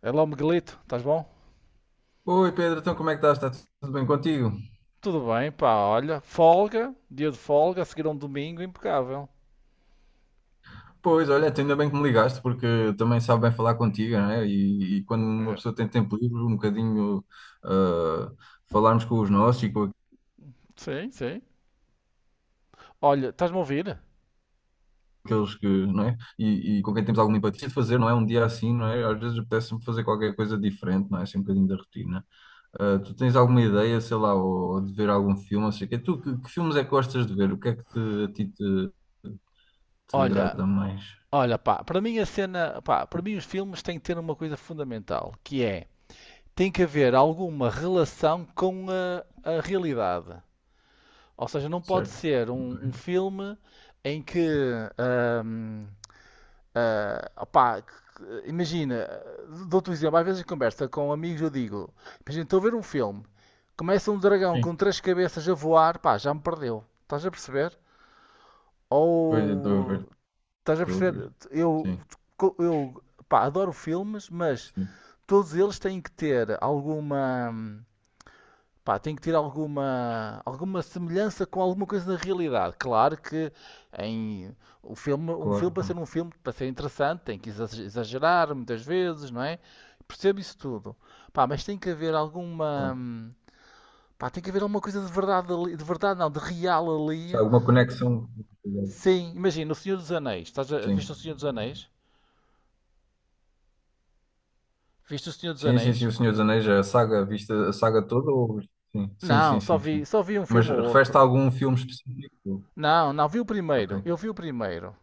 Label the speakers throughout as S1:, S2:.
S1: É lá o Miguelito, estás bom?
S2: Oi Pedro, então como é que estás? Está tudo bem contigo?
S1: Tudo bem, pá, olha, folga, dia de folga, a seguir a um domingo impecável.
S2: Pois, olha, até ainda bem que me ligaste, porque também sabe bem falar contigo, não é? E quando uma
S1: Eu,
S2: pessoa tem tempo livre, um bocadinho ah, falarmos com os nossos e com
S1: Sim, sim. Olha, estás-me a ouvir?
S2: aqueles que, não é? E com quem temos alguma empatia de fazer, não é? Um dia assim, não é? Às vezes apetece-me fazer qualquer coisa diferente, não é? Assim, um bocadinho da rotina. Ah, tu tens alguma ideia, sei lá, ou de ver algum filme, não sei o quê? Tu, que filmes é que gostas de ver? O que é que a ti te te
S1: Olha,
S2: agrada mais?
S1: olha, pá, para mim a cena, pá, para mim os filmes têm que ter uma coisa fundamental, que é, tem que haver alguma relação com a realidade. Ou seja, não pode
S2: Certo?
S1: ser um
S2: Ok.
S1: filme em que, hum, Ah, opá, imagina, dou-te um exemplo, às vezes em conversa com amigos eu digo, imagina, estou a ver um filme, começa um dragão
S2: Sim,
S1: com três cabeças a voar, pá, já me perdeu, estás a perceber?
S2: pois eu estou a ver.
S1: Ou, Estás a
S2: Douglas.
S1: perceber, eu,
S2: Sim,
S1: eu, pá, adoro filmes, mas
S2: sim.
S1: todos eles têm que ter alguma. Pá, tem que ter alguma semelhança com alguma coisa da realidade. Claro que em o filme, um filme
S2: Claro,
S1: para ser
S2: claro,
S1: um filme, para ser interessante, tem que exagerar muitas vezes, não é? Percebo isso tudo. Pá, mas tem que haver
S2: claro.
S1: pá, tem que haver alguma coisa de verdade ali, de verdade não, de real
S2: Se
S1: ali.
S2: há alguma conexão.
S1: Sim, imagina, o Senhor dos Anéis.
S2: Sim.
S1: Viste o Senhor dos Anéis? Viste o Senhor dos
S2: Sim, sim, sim.
S1: Anéis?
S2: O Senhor dos Anéis, a saga, viste a saga toda? Ou... Sim, sim,
S1: Não,
S2: sim,
S1: só
S2: sim,
S1: vi,
S2: sim.
S1: só vi um
S2: Mas
S1: filme ou
S2: refere-te a
S1: outro.
S2: algum filme específico?
S1: Não, não, vi o
S2: Ok,
S1: primeiro. Eu vi o primeiro.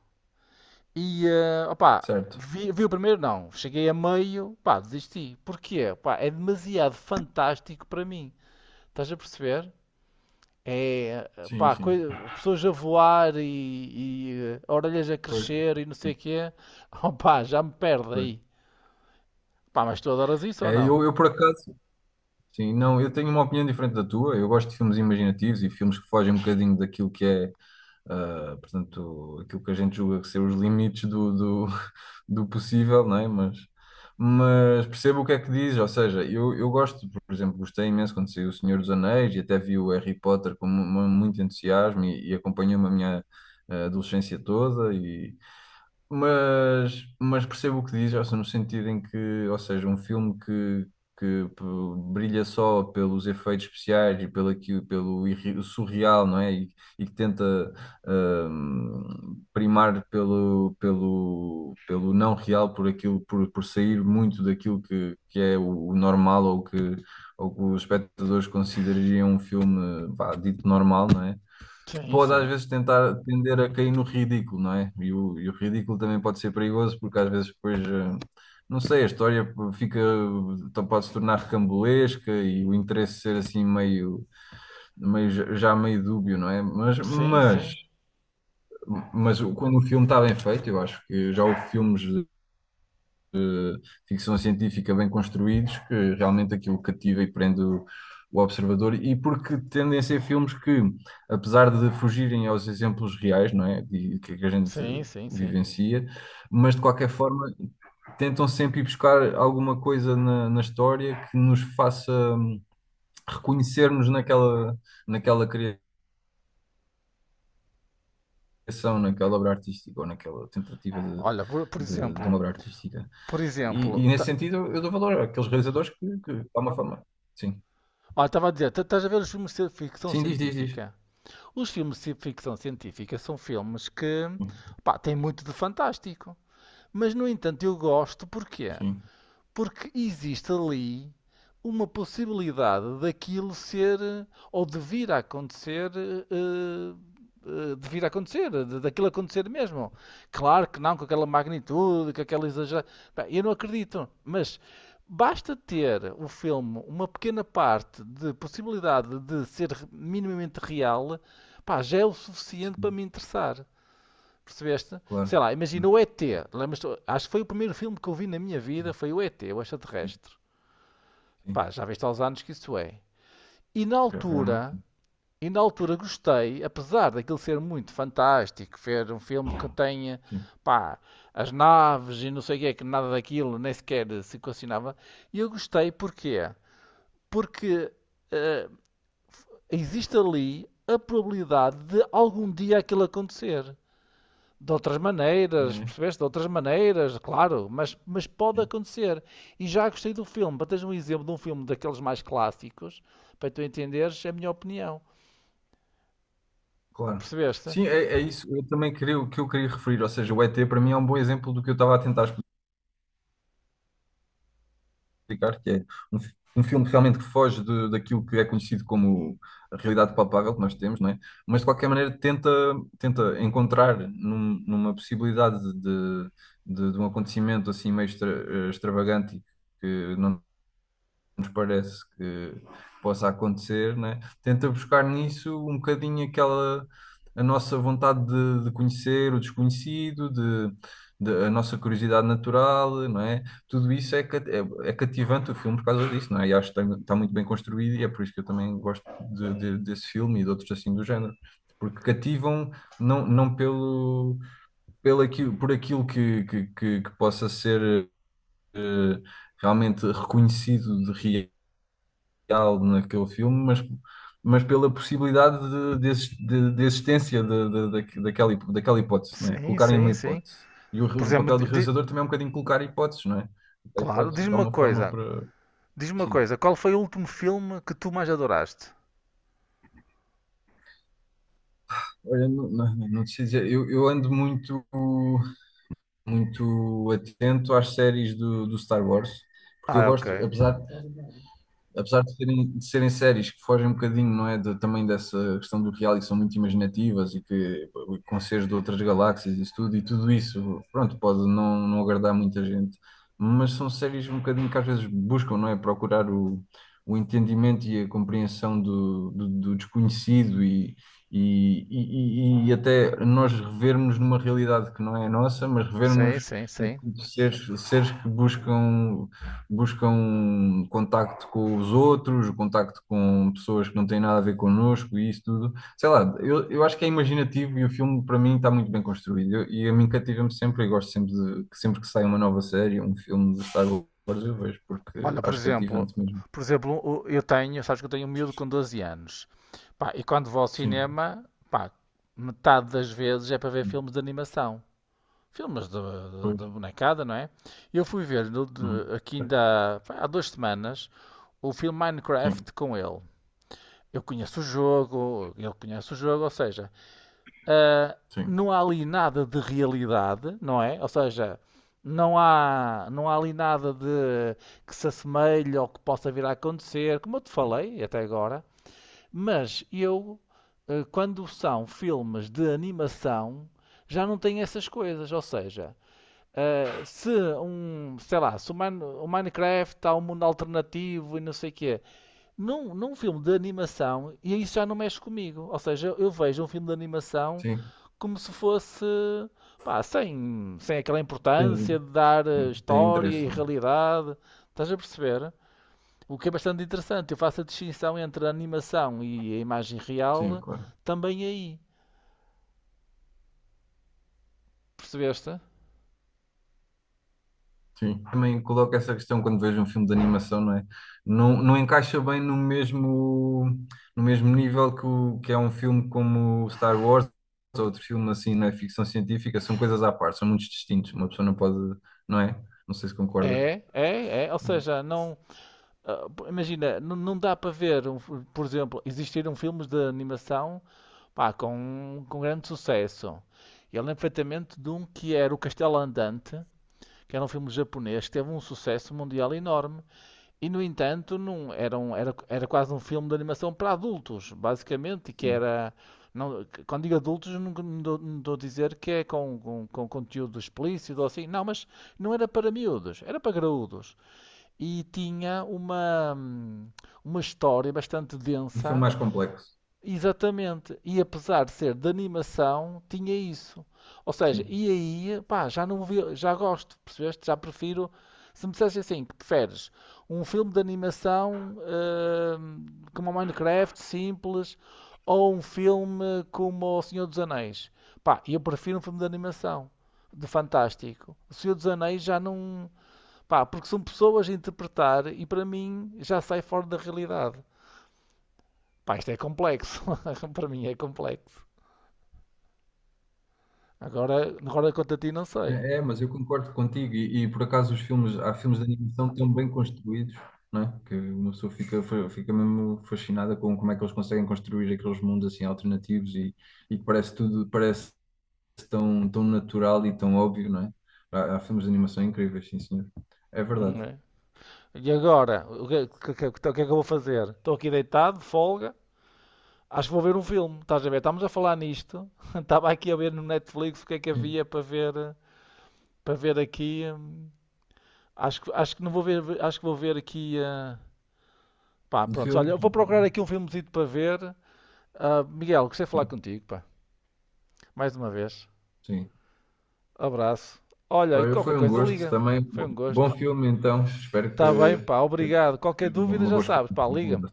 S1: E, opá,
S2: certo.
S1: vi o primeiro, não. Cheguei a meio, pá, desisti. Porquê? Pá, é demasiado fantástico para mim. Estás a perceber? É,
S2: Sim,
S1: pá,
S2: sim.
S1: pessoas a voar e, orelhas a
S2: Pois.
S1: crescer e não sei o quê. Opá, já me perde
S2: Pois.
S1: aí. Pá, mas tu adoras isso ou
S2: É,
S1: não?
S2: eu por acaso, sim, não, eu tenho uma opinião diferente da tua. Eu gosto de filmes imaginativos e filmes que fogem um bocadinho daquilo que é. Portanto, aquilo que a gente julga que ser os limites do do possível, não é? Mas percebo o que é que diz, ou seja, eu gosto, por exemplo, gostei imenso quando saiu O Senhor dos Anéis e até vi o Harry Potter com muito entusiasmo e acompanhou-me a minha adolescência toda e, mas percebo o que diz, ou seja, no sentido em que, ou seja, um filme que, que p- brilha só pelos efeitos especiais e pelo, pelo surreal, não é? E que tenta primar pelo, pelo, pelo não real, por aquilo, por sair muito daquilo que é o normal ou que os espectadores considerariam um filme, vá, dito normal, não é?
S1: Sim,
S2: Pode às
S1: sim.
S2: vezes tentar tender a cair no ridículo, não é? E o ridículo também pode ser perigoso porque às vezes depois, não sei, a história fica, então pode se tornar recambolesca e o interesse ser assim meio, meio já já meio dúbio, não é?
S1: Sim, sim.
S2: Mas quando o filme está bem feito, eu acho que já houve filmes ficção científica bem construídos, que realmente aquilo cativa e prende o observador, e porque tendem a ser filmes que, apesar de fugirem aos exemplos reais, não é? E que a gente
S1: Sim, sim, sim.
S2: vivencia, mas de qualquer forma tentam sempre ir buscar alguma coisa na, na história que nos faça reconhecermos naquela, naquela criação, naquela obra artística ou naquela tentativa
S1: Olha, por
S2: de
S1: exemplo,
S2: uma obra artística. E nesse
S1: tá,
S2: sentido eu dou valor àqueles realizadores que, de alguma forma. Sim.
S1: olha, estava a dizer, estás a ver os filmes de ficção
S2: Sim, diz, diz, diz.
S1: científica? Os filmes de ficção científica são filmes que
S2: Sim,
S1: pá, têm muito de fantástico. Mas, no entanto, eu gosto porquê?
S2: sim,
S1: Porque existe ali uma possibilidade daquilo ser ou de vir a acontecer, de vir a acontecer, daquilo acontecer mesmo. Claro que não com aquela magnitude, com aquela exagerada. Eu não acredito, mas basta ter o filme uma pequena parte de possibilidade de ser minimamente real, pá, já é o suficiente para
S2: sim,
S1: me interessar. Percebeste? Sei
S2: claro.
S1: lá,
S2: Sim,
S1: imagina o ET. Lembras-te? Acho que foi o primeiro filme que eu vi na minha vida, foi o ET, o
S2: sim,
S1: extraterrestre.
S2: sim.
S1: Pá, já viste há uns anos que isso é. E na
S2: Pois é, realmente,
S1: altura,
S2: sim.
S1: e na altura gostei, apesar daquilo ser muito fantástico, ver um filme que tenha, pá, as naves e não sei o que é, que nada daquilo nem sequer se equacionava. E eu gostei porquê? Porque eh, existe ali a probabilidade de algum dia aquilo acontecer. De outras
S2: Sim,
S1: maneiras,
S2: é,
S1: percebeste? De outras maneiras, claro, mas, pode
S2: sim,
S1: acontecer. E já gostei do filme. Para teres um exemplo de um filme daqueles mais clássicos, para tu entenderes é a minha opinião.
S2: claro.
S1: Percebeste?
S2: Sim, é, é isso eu também queria, o que eu queria referir. Ou seja, o ET para mim é um bom exemplo do que eu estava a tentar explicar, que é um, um filme realmente que foge daquilo que é conhecido como a realidade palpável que nós temos, não é? Mas de qualquer maneira tenta, tenta encontrar numa possibilidade de um acontecimento assim meio extravagante e que não nos parece que possa acontecer, né? Tenta buscar nisso um bocadinho aquela a nossa vontade de conhecer o desconhecido, de, a nossa curiosidade natural, não é? Tudo isso é, é, é cativante o filme por causa disso, não é? E acho que está, está muito bem construído e é por isso que eu também gosto desse filme e de outros assim do género. Porque cativam não, não pelo, pelo aquilo, por aquilo que possa ser eh, realmente reconhecido de real naquele filme, mas pela possibilidade de de existência daquela, daquela hipótese, né?
S1: Sim,
S2: Colocarem uma
S1: sim, sim.
S2: hipótese. E o,
S1: Por
S2: o
S1: exemplo,
S2: papel do realizador também é um bocadinho colocar hipóteses, não é? A
S1: claro,
S2: hipótese
S1: diz-me
S2: dá
S1: uma
S2: uma forma
S1: coisa.
S2: para.
S1: Diz-me uma
S2: Sim.
S1: coisa, qual foi o último filme que tu mais adoraste?
S2: Olha, não, não, não te sei dizer, eu ando muito, muito atento às séries do Star Wars, porque eu
S1: Ah, ok.
S2: gosto, apesar de serem séries que fogem um bocadinho, não é, também dessa questão do reality, são muito imaginativas e que com seres de outras galáxias e isso tudo, e tudo isso, pronto, pode não, não agradar muita gente, mas são séries um bocadinho que às vezes buscam, não é, procurar o entendimento e a compreensão do, do, do desconhecido e e até nós revermos numa realidade que não é a nossa, mas revermos
S1: Sim, sim, sim.
S2: enquanto seres, seres que buscam buscam contacto com os outros, contacto com pessoas que não têm nada a ver connosco e isso tudo. Sei lá, eu acho que é imaginativo e o filme para mim está muito bem construído. E a mim cativa-me sempre e gosto sempre de que sempre que sai uma nova série, um filme de Star Wars, eu vejo porque
S1: Olha, por
S2: acho
S1: exemplo,
S2: cativante mesmo.
S1: sabes que eu tenho um miúdo com 12 anos. Pá, e quando vou ao
S2: Sim,
S1: cinema, pá, metade das vezes é para ver filmes de animação. Filmes
S2: pois.
S1: de bonecada, não é? Eu fui ver no,
S2: Uhum.
S1: de- aqui ainda pá, há duas semanas o filme
S2: Sim,
S1: Minecraft com ele. Eu conheço o jogo, ele conhece o jogo, ou seja, ah,
S2: sim,
S1: não há ali nada de realidade, não é? Ou seja, não há ali nada de que se assemelhe ou que possa vir a acontecer, como eu te falei até agora. Mas quando são filmes de animação, já não tenho essas coisas. Ou seja, se um, sei lá, se o, Mine- o Minecraft há um mundo alternativo e não sei o quê, num filme de animação, e isso já não mexe comigo. Ou seja, eu vejo um filme de animação
S2: sim.
S1: como se fosse, pá, sem aquela importância
S2: Tem,
S1: de dar
S2: sim, tem
S1: história
S2: interesse,
S1: e
S2: não é?
S1: realidade. Estás a perceber? O que é bastante interessante. Eu faço a distinção entre a animação e a imagem
S2: Sim,
S1: real
S2: claro.
S1: também aí. Percebeste?
S2: Sim. Também coloco essa questão quando vejo um filme de animação, não é? Não, não encaixa bem no mesmo, no mesmo nível que, o, que é um filme como Star Wars ou outro filme assim na ficção científica, são coisas à parte, são muito distintos. Uma pessoa não pode, não é? Não sei se concordas.
S1: É, é, é. Ou seja, não. Imagina, não, não dá para ver, por exemplo, existiram filmes de animação pá, com grande sucesso. Eu lembro perfeitamente de um que era O Castelo Andante, que era um filme japonês que teve um sucesso mundial enorme e no entanto não era, era quase um filme de animação para adultos basicamente e que
S2: Sim,
S1: era não, quando digo adultos não estou a dizer que é com, com conteúdo explícito ou assim não, mas não era para miúdos, era para graúdos e tinha uma história bastante
S2: um filme
S1: densa.
S2: mais complexo.
S1: Exatamente. E apesar de ser de animação, tinha isso. Ou seja,
S2: Sim.
S1: ia, pá, já não vi, já gosto, percebeste? Já prefiro. Se me dissesse assim, que preferes um filme de animação hum, como o Minecraft, simples, ou um filme como O Senhor dos Anéis? Pá, eu prefiro um filme de animação, de fantástico. O Senhor dos Anéis já não. Pá, porque são pessoas a interpretar e para mim já sai fora da realidade. Pá, isto é complexo. Para mim é complexo. Agora, quanto a ti, não sei.
S2: É, é, mas eu concordo contigo e, por acaso os filmes, há filmes de animação tão bem construídos, não é? Que uma pessoa fica, fica mesmo fascinada com como é que eles conseguem construir aqueles mundos assim alternativos e que parece tudo, parece tão, tão natural e tão óbvio, não é? Há, há filmes de animação incríveis, sim, senhor. É
S1: Não
S2: verdade.
S1: é? E agora? O que- é que eu vou fazer? Estou aqui deitado, de folga. Acho que vou ver um filme. Estás a ver? Estamos a falar nisto. Estava aqui a ver no Netflix o que é que
S2: Sim.
S1: havia para ver, para ver aqui. Acho que não vou ver, acho que vou ver aqui. Pá,
S2: De
S1: pronto.
S2: filmes,
S1: Olha, vou procurar aqui um filmezito para ver. Ah, Miguel, gostei de falar
S2: sim,
S1: contigo, pá. Mais uma vez.
S2: sim.
S1: Abraço. Olha, e
S2: Olha,
S1: qualquer
S2: foi um
S1: coisa
S2: gosto
S1: liga.
S2: também.
S1: Foi um
S2: Bom
S1: gosto.
S2: filme então, espero
S1: Está bem, pá,
S2: que
S1: obrigado. Qualquer
S2: seja
S1: dúvida
S2: uma
S1: já
S2: boa escolha.
S1: sabes, pá, liga-me.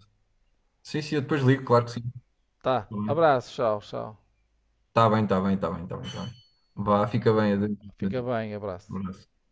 S2: Sim, sim, eu depois ligo, claro que sim.
S1: Tá,
S2: Tá bem.
S1: abraço, tchau, tchau.
S2: Tá bem, tá bem, tá bem, tá bem, tá bem. Vá, fica bem. Adeus.
S1: Fica
S2: Adeus.
S1: bem,
S2: Um
S1: abraço.
S2: Abraço.